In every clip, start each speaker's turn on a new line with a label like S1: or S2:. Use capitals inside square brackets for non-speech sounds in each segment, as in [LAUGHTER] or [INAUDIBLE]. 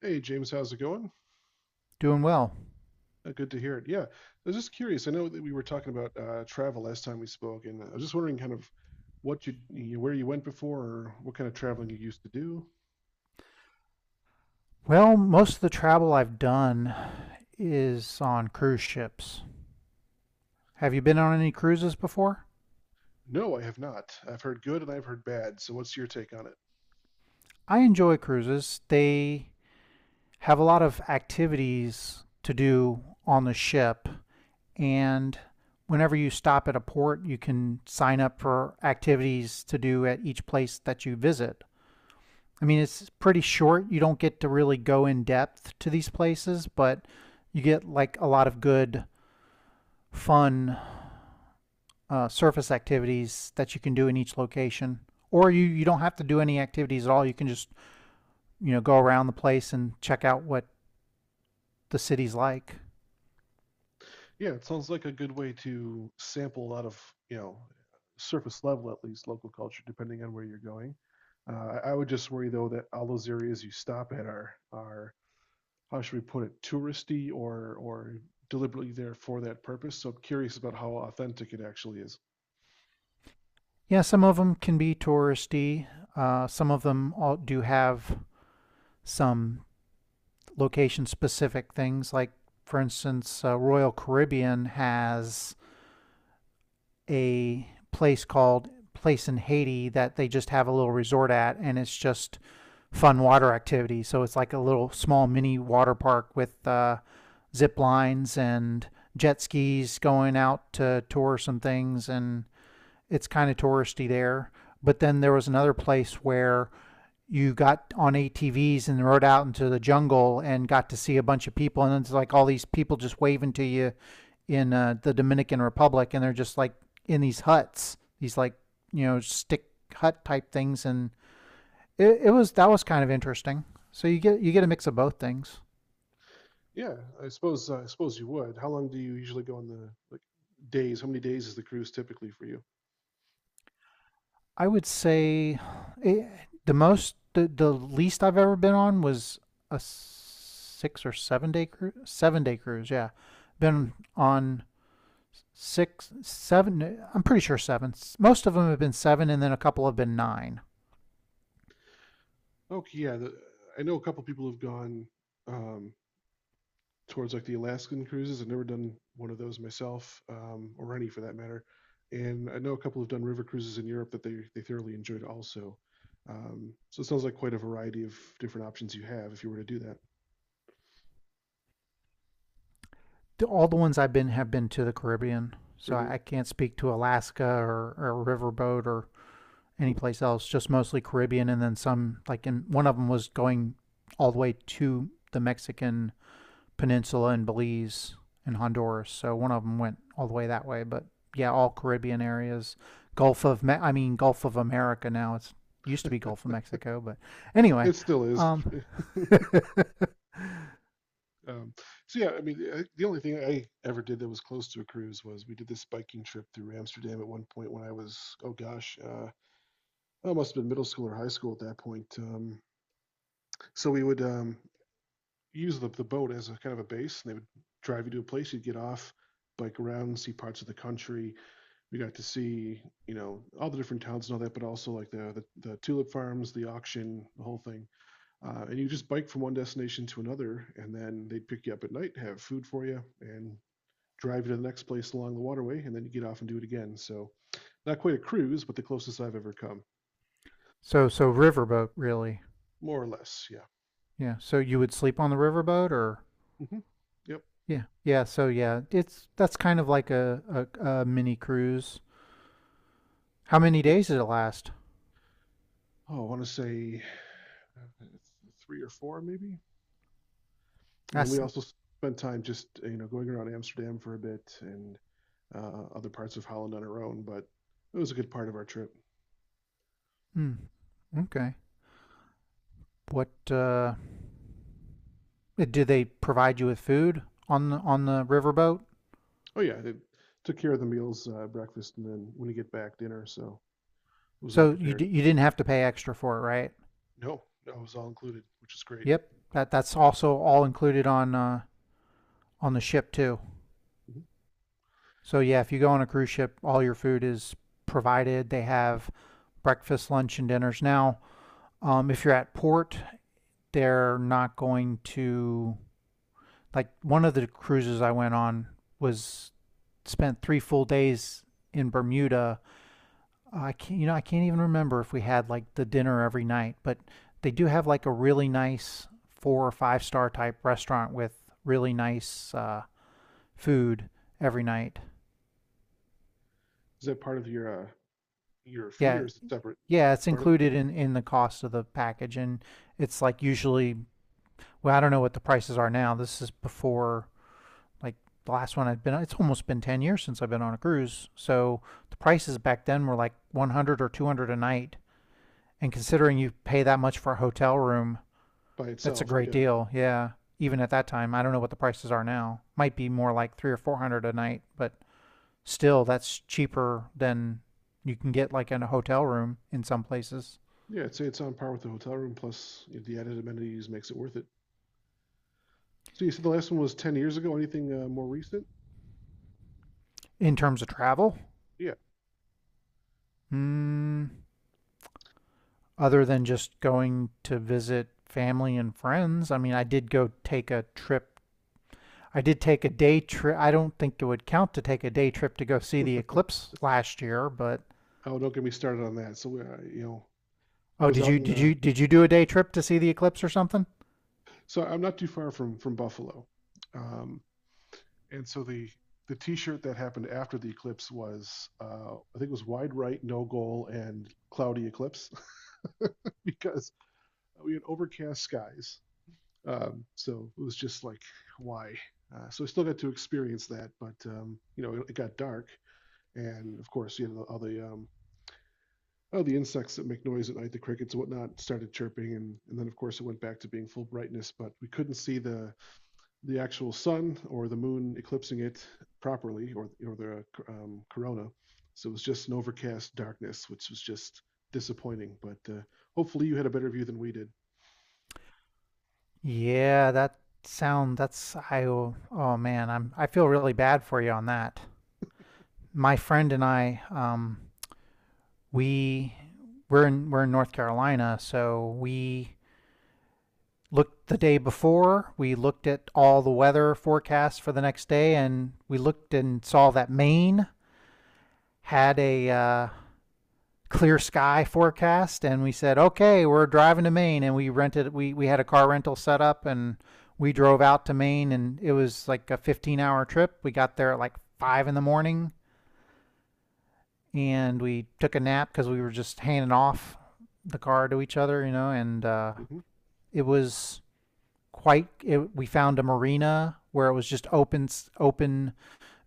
S1: Hey, James, how's it going?
S2: Doing well.
S1: Good to hear it. Yeah, I was just curious. I know that we were talking about travel last time we spoke, and I was just wondering kind of what you where you went before, or what kind of traveling you used to do.
S2: Well, most of the travel I've done is on cruise ships. Have you been on any cruises before?
S1: No, I have not. I've heard good and I've heard bad. So, what's your take on it?
S2: I enjoy cruises. They have a lot of activities to do on the ship, and whenever you stop at a port, you can sign up for activities to do at each place that you visit. I mean, it's pretty short. You don't get to really go in depth to these places, but you get like a lot of good fun surface activities that you can do in each location. Or you don't have to do any activities at all. You can just, you know, go around the place and check out what the city's like.
S1: Yeah, it sounds like a good way to sample a lot of, you know, surface level at least local culture, depending on where you're going. I would just worry though that all those areas you stop at are, how should we put it, touristy or deliberately there for that purpose. So I'm curious about how authentic it actually is.
S2: Yeah, some of them can be touristy. Some of them all do have some location specific things. Like, for instance, Royal Caribbean has a place called Place in Haiti that they just have a little resort at, and it's just fun water activity. So it's like a little small mini water park with zip lines and jet skis going out to tour some things, and it's kind of touristy there. But then there was another place where you got on ATVs and rode out into the jungle and got to see a bunch of people, and it's like all these people just waving to you in the Dominican Republic, and they're just like in these huts, these like you know stick hut type things, and it was that was kind of interesting. So you get a mix of both things.
S1: Yeah, I suppose you would. How long do you usually go on the like days? How many days is the cruise typically for you?
S2: I would say it, the most the least I've ever been on was a 6 or 7 day cruise. 7 day cruise, yeah. Been on six, seven. I'm pretty sure seven. Most of them have been seven, and then a couple have been nine.
S1: Okay, yeah, the, I know a couple people have gone um, towards like the Alaskan cruises. I've never done one of those myself, or any for that matter. And I know a couple have done river cruises in Europe that they thoroughly enjoyed also. So it sounds like quite a variety of different options you have if you were to do that.
S2: All the ones I've been have been to the Caribbean, so I
S1: Caribbean.
S2: can't speak to Alaska or riverboat or anyplace else, just mostly Caribbean, and then some like in one of them was going all the way to the Mexican peninsula in Belize and Honduras. So one of them went all the way that way, but yeah, all Caribbean areas, Gulf of Me- I mean Gulf of America now. It's used to be Gulf of Mexico, but anyway,
S1: It still is.
S2: um,
S1: [LAUGHS]
S2: [LAUGHS]
S1: Um, so yeah, I mean, I, the only thing I ever did that was close to a cruise was we did this biking trip through Amsterdam at one point when I was, oh gosh, I must have been middle school or high school at that point. So we would, use the boat as a kind of a base. And they would drive you to a place, you'd get off, bike around, see parts of the country. We got to see, you know, all the different towns and all that, but also like the tulip farms, the auction, the whole thing. And you just bike from one destination to another, and then they'd pick you up at night, have food for you, and drive you to the next place along the waterway, and then you get off and do it again. So not quite a cruise, but the closest I've ever come,
S2: so riverboat really,
S1: more or less. Yeah.
S2: yeah. So you would sleep on the riverboat or
S1: Hmm. Yep.
S2: yeah, yeah. So yeah, it's that's kind of like a mini cruise. How many
S1: It,
S2: days did it last?
S1: oh, I want to say uh, th- three or four, maybe. And then we
S2: That's
S1: also spent time just you know going around Amsterdam for a bit and other parts of Holland on our own. But it was a good part of our trip.
S2: mm, okay. What do they provide you with food on the riverboat?
S1: Oh yeah, it took care of the meals, breakfast, and then when you get back, dinner. So it was all
S2: So you
S1: prepared.
S2: d- you didn't have to pay extra for it, right?
S1: No, no, it was all included, which is great.
S2: Yep. That that's also all included on the ship too.
S1: Mhm.
S2: So yeah, if you go on a cruise ship, all your food is provided. They have breakfast, lunch, and dinners. Now, if you're at port, they're not going to like one of the cruises I went on was spent three full days in Bermuda I can't, you know, I can't even remember if we had like the dinner every night, but they do have like a really nice four or five-star type restaurant with really nice food every night.
S1: Is that part of your fee
S2: Yeah,
S1: or is it separate?
S2: yeah, it's
S1: Part of it
S2: included in the cost of the package, and it's like usually, well, I don't know what the prices are now. This is before like the last one I've been. On- It's almost been 10 years since I've been on a cruise, so the prices back then were like 100 or 200 a night, and considering you pay that much for a hotel room.
S1: by
S2: That's a
S1: itself.
S2: great
S1: Yeah,
S2: deal. Yeah. Even at that time, I don't know what the prices are now. Might be more like three or four hundred a night, but still, that's cheaper than you can get like in a hotel room in some places.
S1: yeah. I'd say it's on par with the hotel room. Plus the added amenities makes it worth it. So you said the last one was 10 years ago. Anything more recent?
S2: In terms of travel,
S1: Yeah.
S2: mm, other than just going to visit family and friends, I mean, I did go take a trip. I did take a day trip. I don't think it would count to take a day trip to go see the
S1: [LAUGHS]
S2: eclipse last year, but
S1: Oh, don't get me started on that. So, you know, I
S2: oh,
S1: was
S2: did
S1: out
S2: you
S1: in
S2: did you did you do a day trip to see the eclipse or something?
S1: so I'm not too far from Buffalo, um, and so the T-shirt that happened after the eclipse was I think it was wide right, no goal, and cloudy eclipse [LAUGHS] because we had overcast skies. So it was just like why? So I still got to experience that, but it got dark, and of course you know all the insects that make noise at night, the crickets and whatnot, started chirping, and then of course it went back to being full brightness, but we couldn't see the actual sun or the moon eclipsing it properly or the corona. So it was just an overcast darkness, which was just disappointing. But hopefully you had a better view than we did.
S2: Yeah, that sound that's I oh, oh man, I feel really bad for you on that. My friend and I we we're in North Carolina, so we looked the day before, we looked at all the weather forecasts for the next day and we looked and saw that Maine had a clear sky forecast, and we said, okay, we're driving to Maine, and we rented we had a car rental set up, and we drove out to Maine, and it was like a 15-hour trip. We got there at like five in the morning, and we took a nap because we were just handing off the car to each other, you know, and
S1: Hmm.
S2: it was quite. It, we found a marina where it was just open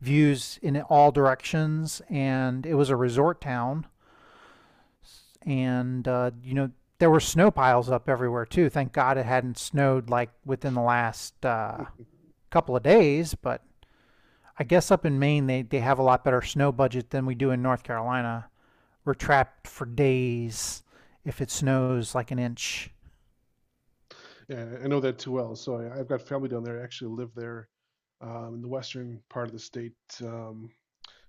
S2: views in all directions, and it was a resort town and you know there were snow piles up everywhere too. Thank God it hadn't snowed like within the last
S1: [LAUGHS]
S2: couple of days, but I guess up in Maine they have a lot better snow budget than we do in North Carolina. We're trapped for days if it snows like an inch.
S1: Yeah, I know that too well. So I've got family down there. I actually live there in the western part of the state, um,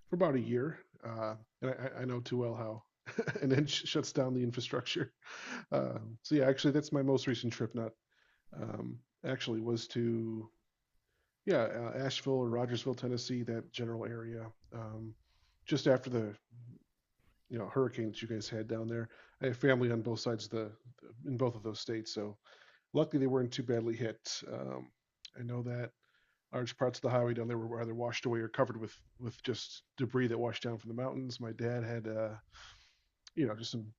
S1: for about a year. Uh, I know too well how. [LAUGHS] And then shuts down the infrastructure. [LAUGHS] So yeah, actually, that's my most recent trip. Not um, actually was to yeah, Asheville or Rogersville, Tennessee, that general area. Um, just after the you know hurricane that you guys had down there, I have family on both sides of the in both of those states. So luckily they weren't too badly hit. Um, I know that large parts of the highway down there were either washed away or covered with just debris that washed down from the mountains. My dad had you know just some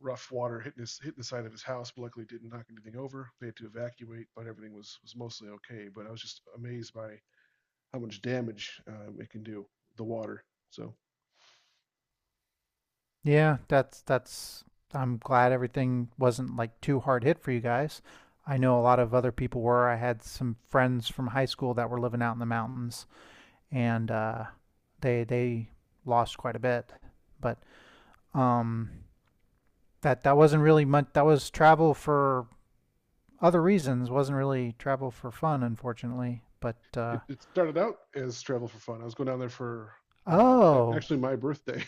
S1: rough water hitting the side of his house, but luckily didn't knock anything over. They had to evacuate, but everything was mostly okay. But I was just amazed by how much damage it can do the water. So
S2: Yeah, that's I'm glad everything wasn't like too hard hit for you guys. I know a lot of other people were. I had some friends from high school that were living out in the mountains and they lost quite a bit. But um, that that wasn't really much. That was travel for other reasons. Wasn't really travel for fun, unfortunately. But
S1: it started out as travel for fun. I was going down there for uh,
S2: oh,
S1: actually my birthday.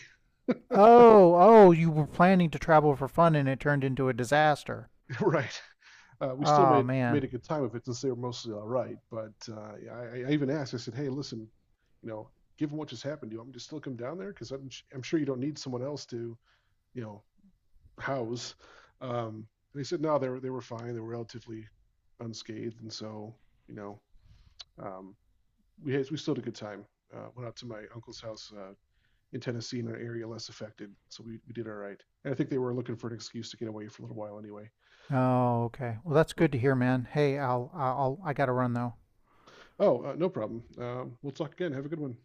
S1: [LAUGHS]
S2: oh, you were planning to travel for fun, and it turned into a disaster.
S1: Right. We still
S2: Oh man.
S1: made a good time of it since they were mostly all right. But yeah, I even asked. I said, "Hey, listen, you know, given what just happened, do you want me to still come down there? Because I'm sure you don't need someone else to, you know, house." Um, and they said, "No, they were fine. They were relatively unscathed, and so you know, um, we still had a good time. Went out to my uncle's house in Tennessee in an area less affected, so we did all right. And I think they were looking for an excuse to get away for a little while anyway.
S2: Oh, okay. Well, that's good to hear, man. Hey, I'll I gotta run though.
S1: Oh, no problem. We'll talk again. Have a good one.